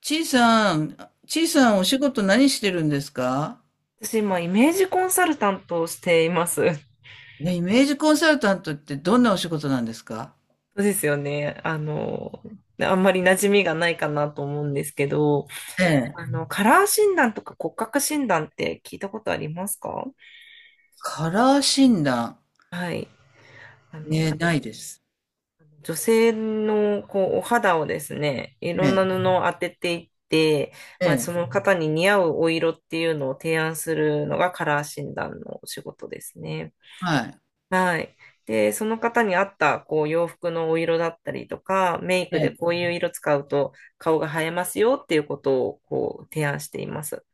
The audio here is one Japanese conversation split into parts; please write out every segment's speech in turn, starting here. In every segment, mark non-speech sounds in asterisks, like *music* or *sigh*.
ちいさん、ちいさんお仕事何してるんですか？私今、イメージコンサルタントをしています。*laughs* ね、イメージコンサルタントってどんなお仕事なんですか？そうですよね。あんまり馴染みがないかなと思うんですけど、ええ。カラー診断とか骨格診断って聞いたことありますか？カラー診断。はい。あえの、え、ないです。女性のこうお肌をですね、いえろんなえ、布を当てていって、えまあ、そえ、の方に似合うお色っていうのを提案するのがカラー診断のお仕事ですね。はい。はい。で、その方に合った、こう、洋服のお色だったりとか、メイえクでえ、こういう色使うと顔が映えますよっていうことを、こう、提案しています。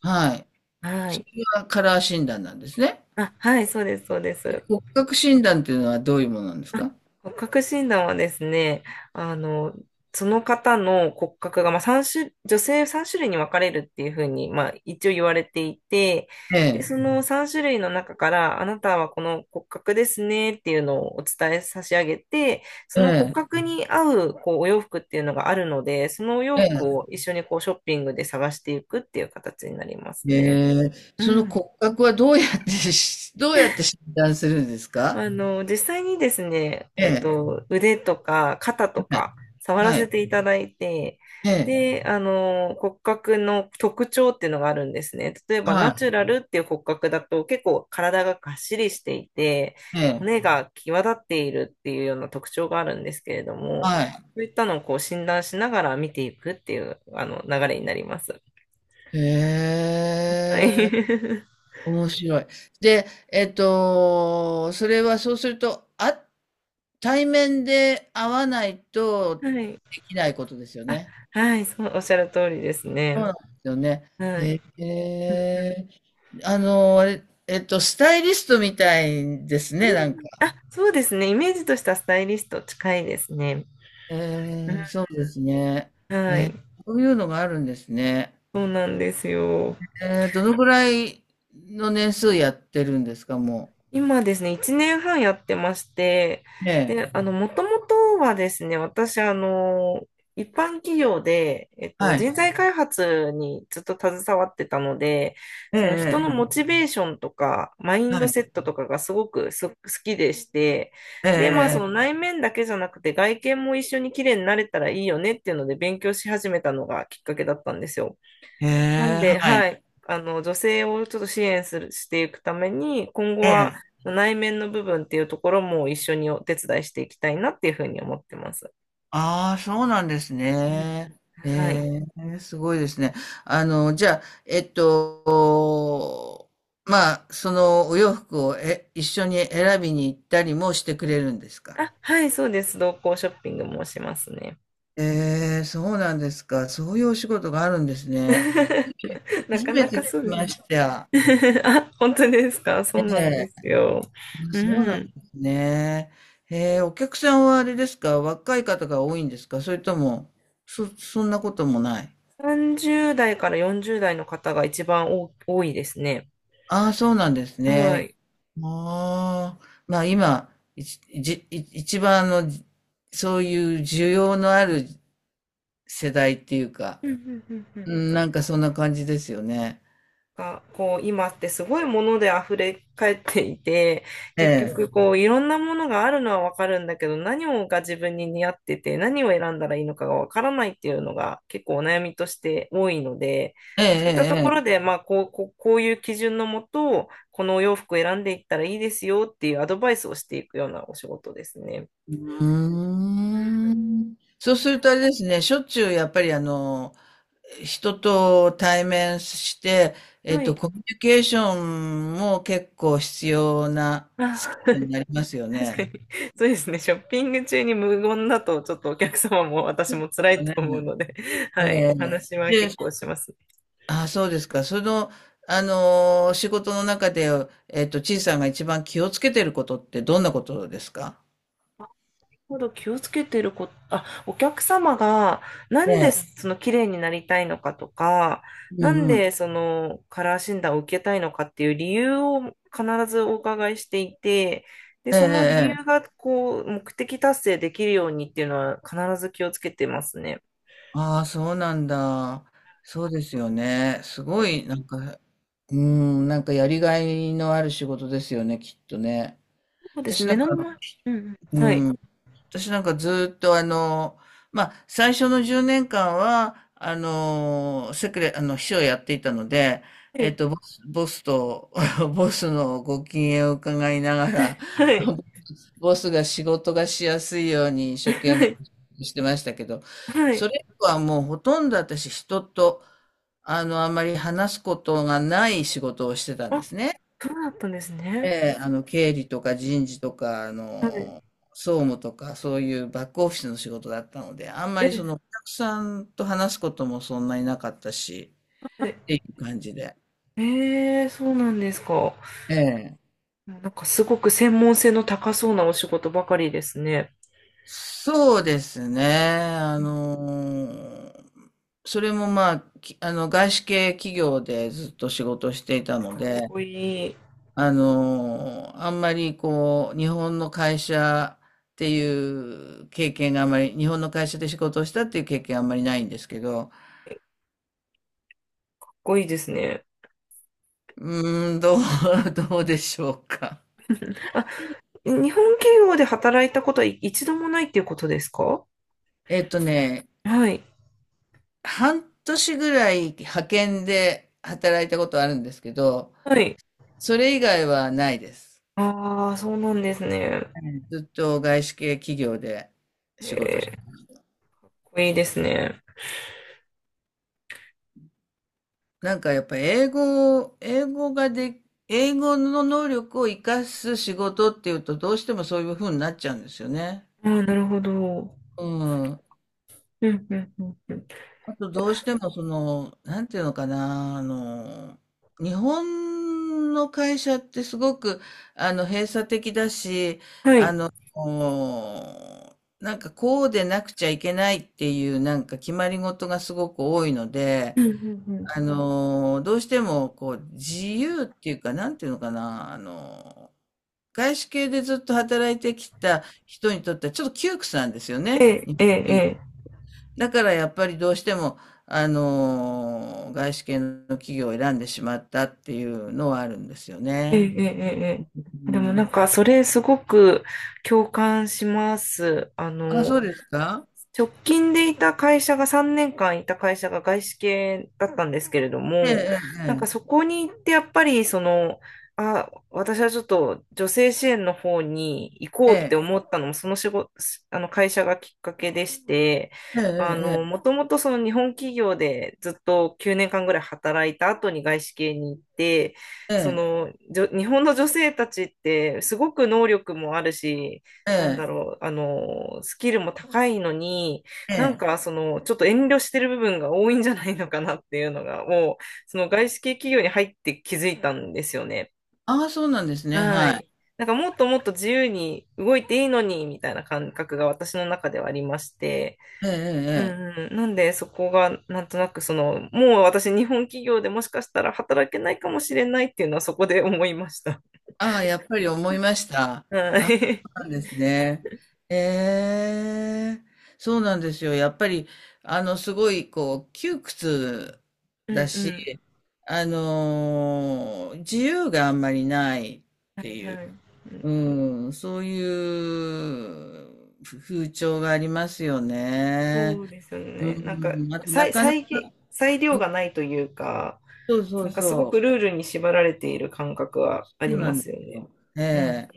はい。はそい。れはカラー診断なんですね。あ、はい、そうです、そうです。骨格診断っていうのはどういうものなんですあ、か？骨格診断はですね、あの、その方の骨格が、まあ、3種、女性3種類に分かれるっていうふうに、まあ、一応言われていて、えで、え、その3種類の中から、あなたはこの骨格ですねっていうのをお伝え差し上げて、そえの骨え、格に合う、こう、お洋服っていうのがあるので、そのお洋え服え。を一緒にこう、ショッピングで探していくっていう形になりますえね。えうそのん。骨格はどうやってし、*laughs* どうやって診断するんですか？実際にですね、ええ、腕とか肩とか触らはせい。ていただいて、ええ、で、骨格の特徴っていうのがあるんですね。例えば、ナはチュラルっていう骨格だと結構体ががっしりしていて、い。ええ、骨が際立っているっていうような特徴があるんですけれども、はい。そういったのをこう診断しながら見ていくっていう、流れになります。へはえ、い。面白い。で、それはそうすると、あ対面で会わない *laughs* とはい。できないことですよあ、ね。はい、そう、おっしゃる通りですそね。うなんですよね。はい。へえ、あれスタイリストみたいですうね、なんん。か。あ、そうですね。イメージとしたスタイリスト近いですね。うん。えそうですね。はえー、い。そういうのがあるんですね。そうなんですよ。えー、どのぐらいの年数やってるんですか、も今ですね、1年半やってまして、う。ええ、で、もともとはですね、私、一般企業で、はい。人材開発にずっと携わってたので、ええ、その人えのえ、モえチベーションとか、マイえンはドい。セットとかがすごく好きでして、で、まあ、そえのえ内面だけじゃなくて、外見も一緒に綺麗になれたらいいよねっていうので、勉強し始めたのがきっかけだったんですよ。ええなんええ。へで、はい。はい、女性をちょっと支援する、していくために、今後えはえ。内面の部分っていうところも一緒にお手伝いしていきたいなっていうふうに思ってます。ああ、そうなんですうん、うね。へん。はい。え、すごいですね。あの、じゃあ、えっと、まあ、そのお洋服を一緒に選びに行ったりもしてくれるんですか？あ、はい、そうです。同行ショッピングもしますね。ええ、そうなんですか。そういうお仕事があるんですね。*laughs* な初かめなてか聞きそうですまね。した。*laughs* あ、本当ですか。そうなんえでえ。すよ。あ、うそうなんん。ですね。ええ、お客さんはあれですか、若い方が多いんですか、それとも、そ、そんなこともない。30代から40代の方が一番多いですね。ああ、そうなんですはね。い。ああ、まあ今、いちいちい一番の、そういう需要のある世代っていうか、うん、うん、うん、うん。うん、なんかそんな感じですよね。が、こう、今ってすごいもので溢れ返っていて、え結え、局、こう、いろんなものがあるのはわかるんだけど、何をが自分に似合ってて、何を選んだらいいのかがわからないっていうのが結構お悩みとして多いので、ええ、そういったとええ。ころえで、えまあ、こういう基準のもと、このお洋服を選んでいったらいいですよっていうアドバイスをしていくようなお仕事ですね。うーん。そうするとあれですね、しょっちゅうやっぱり人と対面して、はい。コミュニケーションも結構必要なあ スキ *laughs* ルになりますよ *laughs* 確かね。に、そうですね。ショッピング中に無言だと、ちょっとお客様も私も辛よいとね思うので、*laughs* えはい、おえ話はで、結構します。あ、そうですか。その、仕事の中で、えっと、ちいさんが一番気をつけてることってどんなことですか？ほど気をつけてること、あ、お客様が、なんでその綺麗になりたいのかとか、うなんんうん。でそのカラー診断を受けたいのかっていう理由を必ずお伺いしていて、で、ええ、その理え由え。がこう、目的達成できるようにっていうのは必ず気をつけてますね。ああ、そうなんだ。そうですよね。すごい、なんか、うん、なんかやりがいのある仕事ですよね、きっとね。そうです私ね。な目んのか、前、うん、うん、はい。私なんかずっと最初の10年間は、セクレ、あの、秘書をやっていたので、はえっい。と、ボスと、*laughs* ボスのご機嫌を伺いながら、はい。*laughs* ボスが仕事がしやすいように一は生懸命い、してましたけど、はそい。れ以降はもうほとんど私人と、あんまり話すことがない仕事をしてたんであ、すね。そうだったんですえね。え、経理とか人事とか、はい。総務とか、そういうバックオフィスの仕事だったので、あんまりその、おえ、客さんと話すこともそんなになかったし、はい。っていう感じで。そうなんですか。ええ。なんかすごく専門性の高そうなお仕事ばかりですね。そうですね。あうん。かっの、それもまあ、外資系企業でずっと仕事をしていたので、こいい。かあんまりこう、日本の会社っていう経験があんまり、日本の会社で仕事をしたっていう経験あんまりないんですけど、っこいいですね。うーん、どう、*laughs* どうでしょうか。あ、日本企業で働いたことは一度もないっていうことですか？えっとね、はい。半年ぐらい派遣で働いたことあるんですけど、はい。それ以外はないです。ああ、そうなんですね。かっはいずっと外資系企業で仕事してます。こいいですね。なんかやっぱ英語を、英語の能力を活かす仕事っていうとどうしてもそういう風になっちゃうんですよね。ああ、なるほど。うん。うん、うん、うん、うん。あとどうしてもその、なんていうのかな、日本の会社ってすごく、閉鎖的だし、はあい。の、おなんかこうでなくちゃいけないっていうなんか決まり事がすごく多いので、うん、うん、うん。どうしてもこう自由っていうか、なんていうのかな、外資系でずっと働いてきた人にとってはちょっと窮屈なんですよえね。え、ええ、給えだからやっぱりどうしても、外資系の企業を選んでしまったっていうのはあるんですよええ、ね。ええ、えうえ。でもなんん、か、それすごく共感します。あ、そうですか？直近でいた会社が3年間いた会社が外資系だったんですけれども、えなんかえ、そこに行ってやっぱりその、あ、私はちょっと女性支援の方に行こえうってえ、思ったのもその仕事、あの会社がきっかけでして、ええ、もともとその日本企業でずっと9年間ぐらい働いた後に外資系に行って、ええ、そええ、の、日本の女性たちってすごく能力もあるし、えなんだえ、えろう、スキルも高いのに、え、えなんえ、かその、ちょっと遠慮してる部分が多いんじゃないのかなっていうのが、もう、その外資系企業に入って気づいたんですよね。ああ、そうなんですね。ははい。い。なんかもっともっと自由に動いていいのに、みたいな感覚が私の中ではありまして、ええ、うん、ええ。ええうん、なんでそこがなんとなくその、もう私日本企業でもしかしたら働けないかもしれないっていうのはそこで思いました。ああ、やっぱり思いました。はあ、そい。うなんですね。ええ、そうなんですよ。やっぱり、すごい、こう、窮屈 *laughs* うん、だうし、自由があんまりない、ん。はい、はい。うん、そういうふ風潮がありますよそね。うですようね。なんか、ん、あと、な裁、かなか、裁げ、裁う量がんないというか、そうそなうんかすごそくルう。ールに縛られている感覚はあそうりなまんですよすね。よ。えうん。え。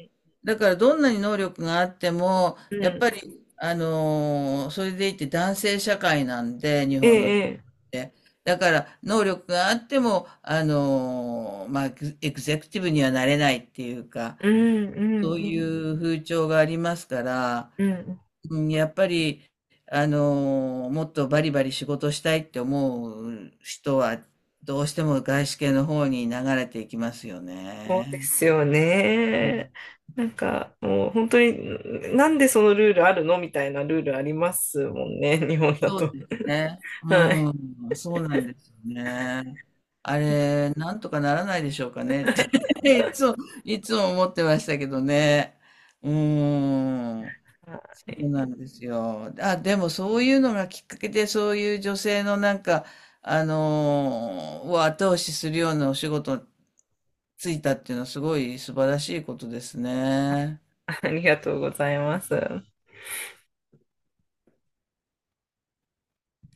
だからどんなに能力があっても、うやっぱん。り、それでいて男性社会なんで、日え本の国っえ、て。だから、能力があっても、まあ、エグゼクティブにはなれないっていうか、ええ。うん、そうういん、う風潮がありますから、うん。うん。うん、やっぱり、もっとバリバリ仕事したいって思う人は、どうしても外資系の方に流れていきますよそうでね。すよね。なんか、もう本当に、なんでそのルールあるのみたいなルールありますもんね、日本だそうと。ですね。はうい。ん、そうなんですよね。あれ、なんとかならないでしょうかねって *laughs* いつも、いつも思ってましたけどね。うん、はそうい。なんですよ。あ、でもそういうのがきっかけで、そういう女性のなんか、を後押しするようなお仕事ついたっていうのはすごい素晴らしいことですね。ありがとうございます。